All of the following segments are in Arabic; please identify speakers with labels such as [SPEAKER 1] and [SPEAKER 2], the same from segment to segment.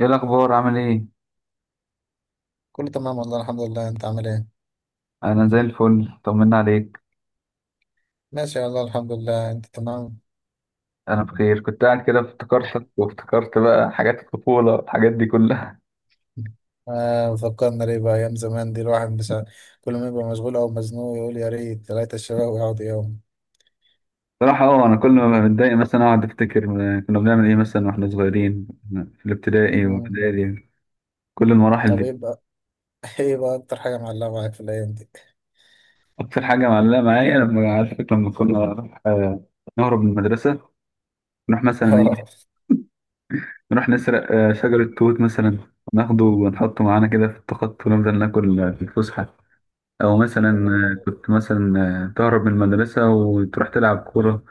[SPEAKER 1] ايه الاخبار عامل ايه؟
[SPEAKER 2] كله تمام والله الحمد لله، انت عامل ايه؟
[SPEAKER 1] انا زي الفل، طمنا عليك.
[SPEAKER 2] ماشي والله الحمد لله، انت تمام؟
[SPEAKER 1] انا بخير، كنت قاعد كده افتكرتك وافتكرت بقى حاجات الطفوله والحاجات دي كلها.
[SPEAKER 2] آه، فكرنا ليه بقى ايام زمان دي. الواحد بس كل ما يبقى مشغول او مزنوق يقول يا ريت ثلاثة الشباب ويقعدوا يوم.
[SPEAKER 1] صراحه اه، انا كل ما بتضايق مثلا اقعد افتكر كنا بنعمل ايه مثلا واحنا صغيرين في الابتدائي
[SPEAKER 2] مم.
[SPEAKER 1] والابتدائي كل المراحل
[SPEAKER 2] طب ايه
[SPEAKER 1] دي.
[SPEAKER 2] بقى؟ ايه بقى اكتر حاجة معلقة معاك في الايام دي؟
[SPEAKER 1] اكتر حاجه معلقه معايا لما عارفك لما كنا نروح، آه، نهرب من المدرسه، نروح مثلا ايه،
[SPEAKER 2] اه،
[SPEAKER 1] نروح نسرق شجره توت مثلا، ناخده ونحطه معانا كده في التخط ونفضل ناكل في الفسحه. او مثلا كنت مثلا تهرب من المدرسة وتروح تلعب كورة،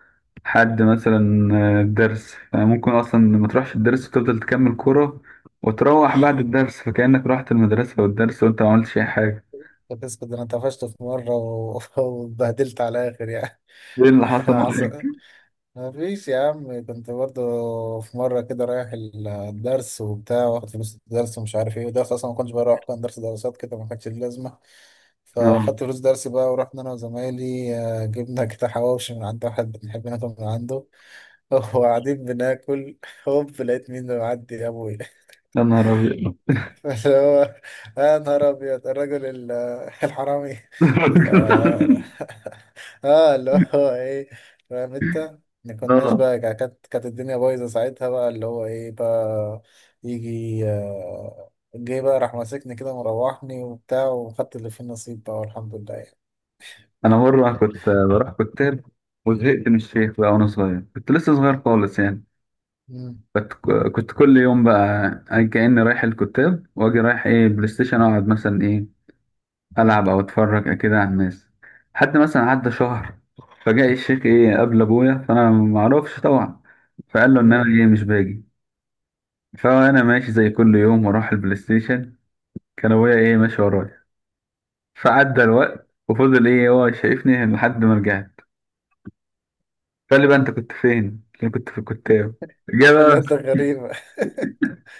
[SPEAKER 1] حد مثلا الدرس ممكن اصلا ما تروحش الدرس وتفضل تكمل كورة، وتروح بعد الدرس فكأنك رحت المدرسة والدرس وانت ما عملتش اي حاجة.
[SPEAKER 2] كنت اسكت، ده انا طفشت في مرة واتبهدلت على الاخر يعني.
[SPEAKER 1] ايه اللي حصل معاك؟
[SPEAKER 2] حصل. ما فيش يا عم، كنت برضه في مرة كده رايح الدرس وبتاع، واخد فلوس الدرس ومش عارف ايه الدرس أصلا. ما كنتش بروح، كان درس دراسات كده ما كانش ليه لازمة.
[SPEAKER 1] اه.
[SPEAKER 2] فاخدت فلوس درسي بقى ورحنا أنا وزمايلي، جبنا كده حواوشي من عند واحد بنحب ناكل من عنده. وقاعدين بناكل، هوب لقيت مين اللي معدي؟ أبويا.
[SPEAKER 1] يا نهار ابيض.
[SPEAKER 2] اللي هو يا نهار ابيض الرجل الحرامي. ف اه، اللي هو ايه، فاهم انت. ما كناش
[SPEAKER 1] اه.
[SPEAKER 2] بقى، كانت الدنيا بايظه ساعتها بقى. اللي هو ايه بقى، يجي جه بقى، راح ماسكني كده مروحني وبتاع، وخدت اللي فيه النصيب بقى، والحمد لله يعني.
[SPEAKER 1] انا مرة كنت بروح كتاب وزهقت من الشيخ بقى، وانا صغير كنت لسه صغير خالص يعني.
[SPEAKER 2] مم،
[SPEAKER 1] كنت كنت كل يوم بقى كأني رايح الكتاب واجي رايح ايه بلاي ستيشن، اقعد مثلا ايه
[SPEAKER 2] مم،
[SPEAKER 1] العب او اتفرج كده على الناس. حد مثلا عدى شهر، فجاء الشيخ ايه قابل ابويا، فانا معرفش طبعا، فقال له ان انا
[SPEAKER 2] مم.
[SPEAKER 1] ايه مش باجي. فانا ماشي زي كل يوم واروح البلاي ستيشن، كان ابويا ايه ماشي ورايا. فعدى الوقت وفضل ايه هو شايفني لحد ما رجعت، فقال لي بقى انت كنت فين؟ قلت له كنت في الكتاب. جه بقى.
[SPEAKER 2] الواد ده غريبة.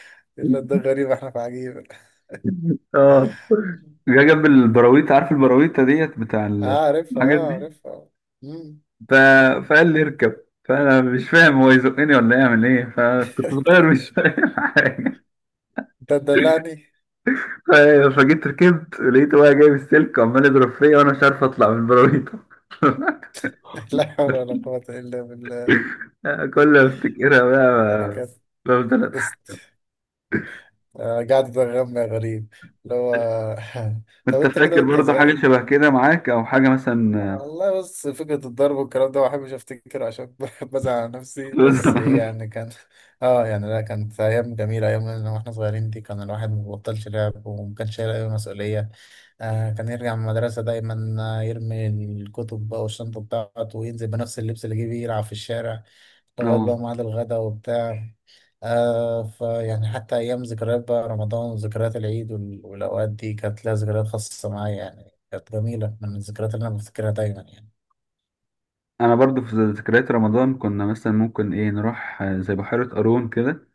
[SPEAKER 2] الواد ده غريبة، احنا في عجيبة.
[SPEAKER 1] اه. جه جنب البراويتة، عارف البراويتة ديت بتاع
[SPEAKER 2] اه عارفها
[SPEAKER 1] الحاجات
[SPEAKER 2] اه
[SPEAKER 1] دي.
[SPEAKER 2] عارفها. مم.
[SPEAKER 1] ف... فقال لي اركب، فانا مش فاهم هو يزقني ولا يعمل ايه، فكنت صغير مش فاهم حاجه.
[SPEAKER 2] انت تدلعني.
[SPEAKER 1] ف... فجيت ركبت لقيته بقى جايب السلك وعمال يضرب فيا وانا مش عارف اطلع من البراويتة.
[SPEAKER 2] لا حول ولا قوة إلا بالله.
[SPEAKER 1] كل ما افتكرها
[SPEAKER 2] يعني
[SPEAKER 1] بقى
[SPEAKER 2] كانت
[SPEAKER 1] بفضل
[SPEAKER 2] بس.
[SPEAKER 1] اضحك.
[SPEAKER 2] قاعد تغمى غريب، اللي هو. طب
[SPEAKER 1] انت
[SPEAKER 2] أنت كده
[SPEAKER 1] فاكر
[SPEAKER 2] وأنت
[SPEAKER 1] برضه حاجة
[SPEAKER 2] صغير؟
[SPEAKER 1] شبه كده معاك او حاجة مثلا؟
[SPEAKER 2] والله بص، فكرة الضرب والكلام ده ما بحبش افتكره، عشان بحب ازعل على نفسي،
[SPEAKER 1] في
[SPEAKER 2] بس ايه
[SPEAKER 1] زمان
[SPEAKER 2] يعني كان. اه يعني، لا كانت ايام جميلة، ايام لما احنا صغيرين دي كان الواحد ما بيبطلش لعب وما كانش شايل اي مسؤولية. آه، كان يرجع من المدرسة دايما، يرمي الكتب بقى والشنطة بتاعته، وينزل بنفس اللبس اللي جه بيه يلعب في الشارع لغاية
[SPEAKER 1] اه.
[SPEAKER 2] بقى ميعاد الغدا وبتاع. آه، فيعني حتى أيام ذكريات بقى رمضان وذكريات العيد والأوقات دي كانت لها ذكريات خاصة معايا يعني. كانت جميلة من الذكريات اللي أنا بفتكرها دايما يعني.
[SPEAKER 1] انا برضه في ذكريات رمضان، كنا مثلا ممكن ايه نروح زي بحيرة قارون كده،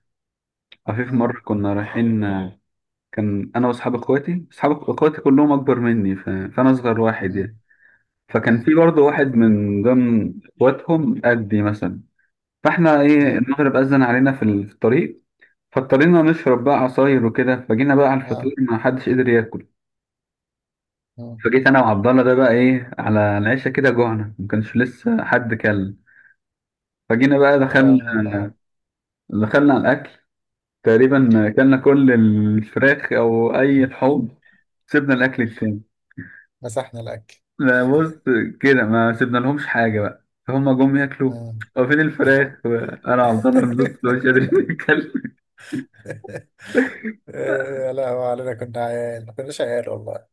[SPEAKER 1] عفيف
[SPEAKER 2] مم.
[SPEAKER 1] مرة كنا رايحين. كان أنا وأصحاب إخواتي، أصحاب إخواتي كلهم أكبر مني، فأنا أصغر واحد
[SPEAKER 2] مم.
[SPEAKER 1] يعني. فكان
[SPEAKER 2] مم.
[SPEAKER 1] في برضه واحد من ضمن إخواتهم قدي مثلا. فإحنا إيه
[SPEAKER 2] مم.
[SPEAKER 1] المغرب أذن علينا في في الطريق، فاضطرينا نشرب بقى عصاير وكده، فجينا بقى على الفطور
[SPEAKER 2] اه.
[SPEAKER 1] ما حدش قدر ياكل.
[SPEAKER 2] آه.
[SPEAKER 1] فجيت أنا وعبد الله ده بقى إيه على العشاء كده جوعنا ما كانش لسه حد كل. فجينا بقى
[SPEAKER 2] فاهمك اه.
[SPEAKER 1] دخلنا، دخلنا على الأكل، تقريبا اكلنا كل الفراخ او اي لحوم، سيبنا الاكل التاني.
[SPEAKER 2] مسحنا الأكل.
[SPEAKER 1] لا بص، كده ما سيبنا لهمش حاجه بقى فهم جم ياكلوا،
[SPEAKER 2] آه.
[SPEAKER 1] هو فين الفراخ؟ انا عبد الله بنص مش قادر اتكلم.
[SPEAKER 2] آه، لا هو علينا، كنا عيال، ما كناش عيال والله.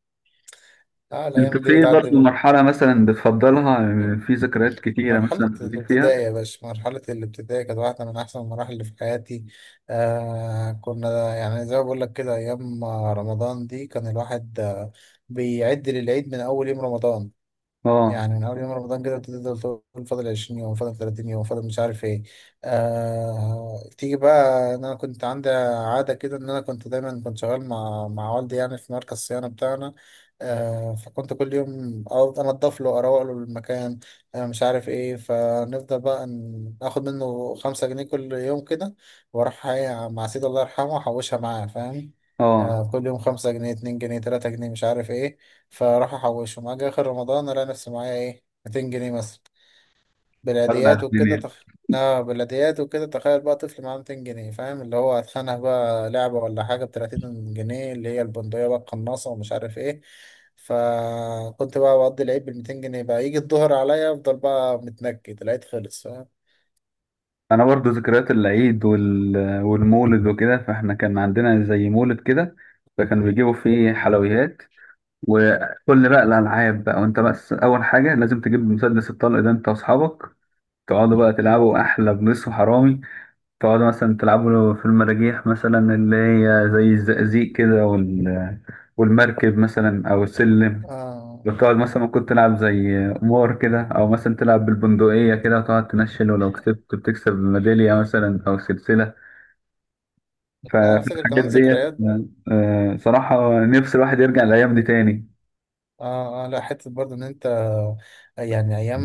[SPEAKER 2] اه،
[SPEAKER 1] انت
[SPEAKER 2] الأيام دي
[SPEAKER 1] في
[SPEAKER 2] بتعدي
[SPEAKER 1] برضه
[SPEAKER 2] من
[SPEAKER 1] مرحله مثلا بتفضلها، في ذكريات كتيره مثلا
[SPEAKER 2] مرحلة
[SPEAKER 1] بتعيد فيها؟
[SPEAKER 2] الابتدائي يا باشا. مرحلة الابتدائي كانت واحدة من أحسن المراحل اللي في حياتي. آه كنا يعني زي ما بقول لك كده، أيام رمضان دي كان الواحد، آه، بيعد للعيد من أول يوم رمضان.
[SPEAKER 1] اه
[SPEAKER 2] يعني من اول يوم رمضان كده تفضل تقول فاضل 20 يوم، فاضل 30 يوم، فاضل مش عارف ايه. آه... تيجي بقى، إن انا كنت عندي عاده كده، ان انا كنت دايما كنت شغال مع والدي يعني في مركز الصيانه بتاعنا. آه... فكنت كل يوم أقعد انضف له، اروق له المكان، آه مش عارف ايه. فنفضل بقى اخد منه 5 جنيه كل يوم كده، واروح إيه مع سيدي الله يرحمه احوشها معاه، فاهم.
[SPEAKER 1] اه.
[SPEAKER 2] آه، كل يوم 5 جنيه، 2 جنيه، 3 جنيه، مش عارف ايه. فراحوا حوشوا، اجي اخر رمضان الاقي نفسي معايا ايه، 200 جنيه مثلا.
[SPEAKER 1] ولع
[SPEAKER 2] بلاديات وكده
[SPEAKER 1] الدنيا.
[SPEAKER 2] تخ... لا بلاديات وكده، تخيل بقى طفل معاه 200 جنيه، فاهم؟ اللي هو هتخانق بقى لعبة ولا حاجة ب 30 جنيه، اللي هي البندقية بقى القناصة، ومش عارف ايه. فكنت بقى بقضي العيد بال 200 جنيه بقى، يجي الظهر عليا افضل بقى متنكد، العيد خلص، فاهم.
[SPEAKER 1] انا برضه ذكريات العيد والمولد وكده، فاحنا كان عندنا زي مولد كده، فكانوا بيجيبوا فيه حلويات وكل بقى الألعاب بقى، وأنت بس أول حاجة لازم تجيب مسدس الطلق ده أنت وأصحابك، تقعدوا بقى
[SPEAKER 2] مم.
[SPEAKER 1] تلعبوا أحلى بليس وحرامي، تقعدوا مثلا تلعبوا في المراجيح مثلا اللي هي زي الزقازيق كده والمركب مثلا أو السلم،
[SPEAKER 2] آه.
[SPEAKER 1] وتقعد
[SPEAKER 2] آه.
[SPEAKER 1] مثلا ممكن تلعب زي قمار كده، أو مثلا تلعب بالبندقية كده وتقعد تنشل، ولو كسبت بتكسب ميدالية مثلا أو سلسلة.
[SPEAKER 2] لا انا فاكر
[SPEAKER 1] فالحاجات
[SPEAKER 2] كمان
[SPEAKER 1] ديت
[SPEAKER 2] ذكريات.
[SPEAKER 1] صراحة نفس الواحد يرجع الأيام دي تاني.
[SPEAKER 2] اه اه لا، حتة برضه ان انت يعني ايام.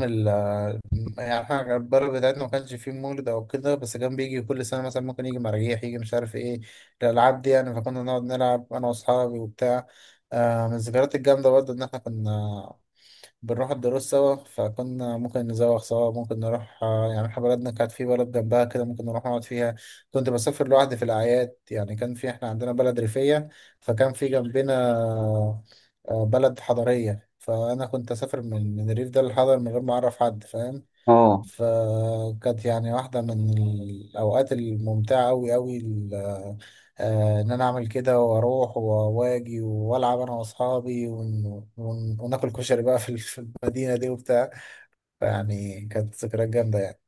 [SPEAKER 2] يعني احنا البلد بتاعتنا ما كانش فيه مولد او كده، بس كان بيجي كل سنه مثلا ممكن يجي مراجيح، يجي مش عارف ايه الالعاب دي يعني. فكنا نقعد نلعب انا واصحابي وبتاع. آه، من الذكريات الجامده برضه ان احنا كنا بنروح الدروس سوا. فكنا ممكن نزوغ سوا، ممكن نروح، آه يعني احنا بلدنا كانت في بلد جنبها كده، ممكن نروح نقعد فيها. كنت بسافر لوحدي في الاعياد، يعني كان في، احنا عندنا بلد ريفيه، فكان في جنبنا آه بلد حضريه. فانا كنت اسافر من الريف ده للحضر من غير ما اعرف حد، فاهم.
[SPEAKER 1] اه.
[SPEAKER 2] فكانت يعني واحدة من الأوقات الممتعة أوي أوي آه، إن أنا أعمل كده وأروح وأواجي وألعب أنا وأصحابي وناكل كشري بقى في في المدينة دي وبتاع. فيعني كانت ذكريات جامدة يعني.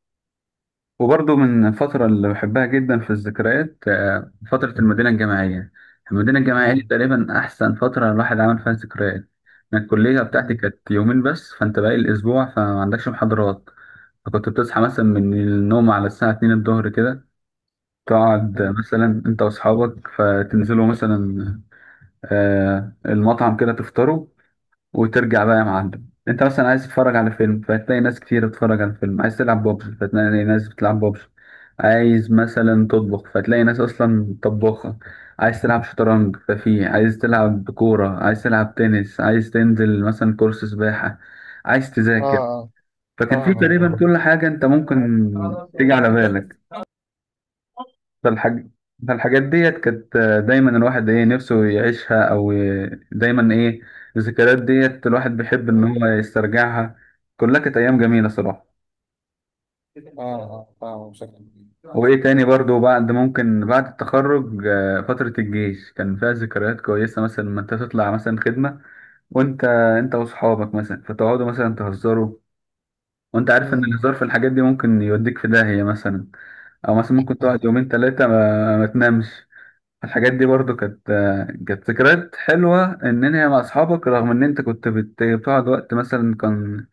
[SPEAKER 1] وبرضه من الفترة اللي بحبها جدا في الذكريات فترة المدينة الجامعية. المدينة الجامعية دي
[SPEAKER 2] مم.
[SPEAKER 1] تقريبا أحسن فترة الواحد عمل فيها ذكريات. أنا الكلية بتاعتي
[SPEAKER 2] مم.
[SPEAKER 1] كانت يومين بس، فأنت باقي الأسبوع فما عندكش محاضرات. فكنت بتصحى مثلا من النوم على الساعة 2 الظهر كده، تقعد
[SPEAKER 2] مم.
[SPEAKER 1] مثلا أنت وأصحابك فتنزلوا مثلا المطعم كده تفطروا، وترجع بقى يا معلم انت مثلا عايز تتفرج على فيلم فتلاقي ناس كتير بتتفرج على الفيلم، عايز تلعب ببجي فتلاقي ناس بتلعب ببجي، عايز مثلا تطبخ فتلاقي ناس اصلا طباخة، عايز تلعب شطرنج ففي، عايز تلعب كورة، عايز تلعب تنس، عايز تنزل مثلا كورس سباحة، عايز تذاكر،
[SPEAKER 2] آه
[SPEAKER 1] فكان في
[SPEAKER 2] آه،
[SPEAKER 1] تقريبا
[SPEAKER 2] فاهمك
[SPEAKER 1] كل حاجة انت ممكن
[SPEAKER 2] فاهمك.
[SPEAKER 1] تيجي على بالك.
[SPEAKER 2] آه
[SPEAKER 1] فالحاج... فالحاجات ديت كانت دايما الواحد ايه نفسه يعيشها او دايما ايه الذكريات ديت الواحد بيحب ان هو يسترجعها، كلها كانت ايام جميلة صراحة.
[SPEAKER 2] آه، فاهمك بشكل كبير.
[SPEAKER 1] وايه تاني برضو، بعد ممكن بعد التخرج فترة الجيش كان فيها ذكريات كويسة، مثلا لما انت تطلع مثلا خدمة وانت واصحابك مثلا، فتقعدوا مثلا تهزروا، وانت عارف ان الهزار في الحاجات دي ممكن يوديك في داهية مثلا، او مثلا ممكن تقعد يومين ثلاثة ما تنامش. الحاجات دي برضو كانت، كانت ذكريات حلوة إن أنت مع أصحابك، رغم إن أنت كنت بتقعد وقت مثلا كان،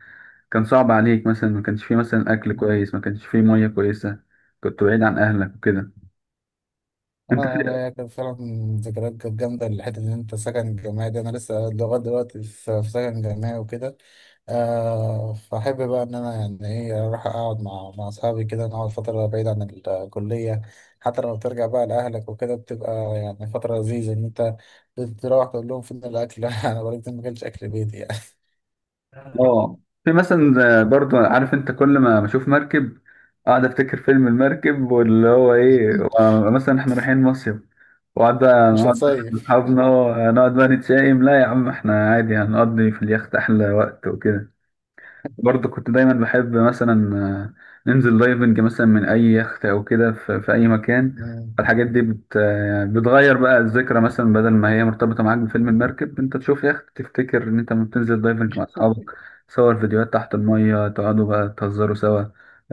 [SPEAKER 1] كان صعب عليك، مثلا ما كانش فيه مثلا أكل
[SPEAKER 2] مم.
[SPEAKER 1] كويس، ما كانش فيه مية كويسة، كنت بعيد عن أهلك وكده. أنت
[SPEAKER 2] اه
[SPEAKER 1] في
[SPEAKER 2] لا، هي كانت فعلا ذكريات كانت جامدة. الحتة إن أنت سكن جامعي ده، أنا لسه لغاية دلوقتي في في سكن جامعي وكده. آه، فأحب بقى إن أنا يعني إيه أروح أقعد مع أصحابي كده، نقعد فترة بعيد عن الكلية. حتى لو ترجع بقى لأهلك وكده بتبقى يعني فترة لذيذة، إن أنت تروح تقول لهم فين الأكل؟ أنا بقالي كتير ما أكلتش أكل بيتي يعني.
[SPEAKER 1] آه. في مثلا برضو عارف أنت كل ما بشوف مركب أقعد أفتكر فيلم المركب واللي هو إيه مثلا إحنا رايحين مصيف، وقعد بقى
[SPEAKER 2] مش
[SPEAKER 1] نقعد مع
[SPEAKER 2] هتصيف؟
[SPEAKER 1] أصحابنا، نقعد بقى نتشائم، لا يا عم إحنا عادي هنقضي في اليخت أحلى وقت وكده. برضه كنت دايما بحب مثلا ننزل دايفنج مثلا من اي يخت او كده في اي مكان.
[SPEAKER 2] مم.
[SPEAKER 1] الحاجات دي بت آه، بتغير بقى الذكرى مثلا بدل ما هي مرتبطه معاك بفيلم المركب، انت تشوف يخت تفتكر ان انت لما بتنزل دايفنج مع اصحابك، تصور فيديوهات تحت الميه، تقعدوا بقى تهزروا سوا،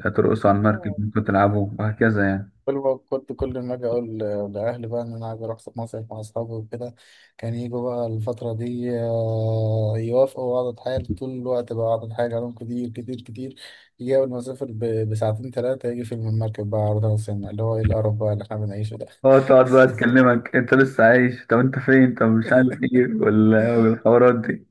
[SPEAKER 1] ترقصوا على المركب ممكن تلعبوا وهكذا يعني.
[SPEAKER 2] كل ما كنت، كل ما اجي اقول لاهلي بقى ان انا عايز اروح مصيف مع اصحابي وكده، كان يجوا بقى الفتره دي، آه، يوافقوا، واقعد اتحايل طول الوقت بقى، اقعد اتحايل عليهم كتير كتير كتير. يجي اول ما اسافر بساعتين ثلاثه، يجي فيلم المركب بقى عرضها على السينما، اللي هو ايه القرف بقى اللي احنا بنعيشه ده.
[SPEAKER 1] اه تقعد بقى تكلمك انت لسه عايش، طب انت فين، طب مش عارف ايه والحوارات دي.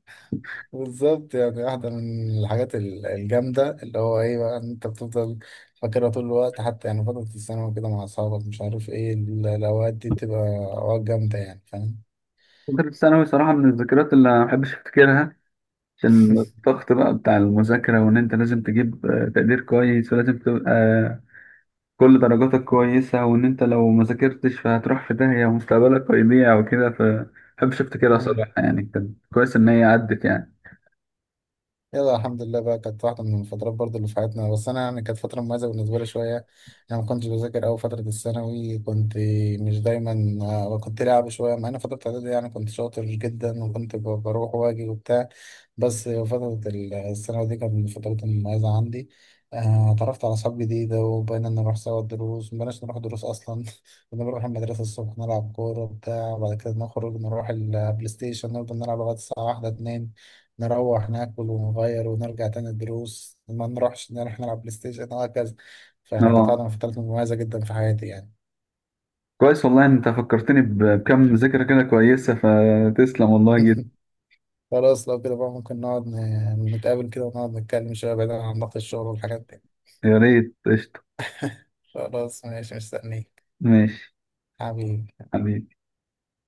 [SPEAKER 2] بالظبط. يعني واحده من الحاجات الجامده اللي هو ايه بقى، ان انت بتفضل فاكرها طول الوقت. حتى يعني فتره الثانوي كده مع اصحابك مش عارف ايه، الاوقات دي بتبقى اوقات جامده يعني، فاهم.
[SPEAKER 1] فترة ثانوي صراحة من الذكريات اللي ما بحبش أفتكرها عشان الضغط بقى بتاع المذاكرة، وإن أنت لازم تجيب تقدير كويس ولازم تبقى كل درجاتك كويسة، وإن أنت لو ما ذاكرتش فهتروح في داهية ومستقبلك هيضيع وكده، فمحبش أفتكرها صراحة يعني، كان كويس إن هي عدت يعني.
[SPEAKER 2] يلا الحمد لله بقى، كانت واحدة من الفترات برضو اللي في حياتنا. بس أنا يعني كانت فترة مميزة بالنسبة لي شوية. أنا ما كنتش بذاكر أوي فترة الثانوي. كنت مش دايما، آه، كنت لعب شوية، مع إن فترة الإعدادي يعني كنت شاطر جدا، وكنت بروح وأجي وبتاع. بس فترة الثانوي دي كانت من الفترات المميزة عندي. آه، اتعرفت على أصحاب جديدة، وبقينا نروح سوا الدروس. مبقناش نروح دروس أصلا. كنا بنروح المدرسة الصبح نلعب كورة وبتاع، وبعد كده نخرج نروح البلاي ستيشن، نفضل نلعب لغاية الساعة واحدة اتنين، نروح ناكل ونغير ونرجع تاني. الدروس ما نروحش، نروح نلعب بلاي ستيشن وهكذا. فيعني كانت
[SPEAKER 1] أه.
[SPEAKER 2] قاعدة فترة مميزة جدا في حياتي يعني.
[SPEAKER 1] كويس والله إن أنت فكرتني بكم ذكرى كده كويسة، فتسلم والله جدا.
[SPEAKER 2] خلاص لو كده بقى، ممكن نقعد نتقابل كده ونقعد نتكلم شوية بعيدا عن ضغط الشغل والحاجات دي.
[SPEAKER 1] يا ريت قشطة.
[SPEAKER 2] خلاص ماشي، مستنيك
[SPEAKER 1] ماشي.
[SPEAKER 2] حبيبي.
[SPEAKER 1] حبيبي.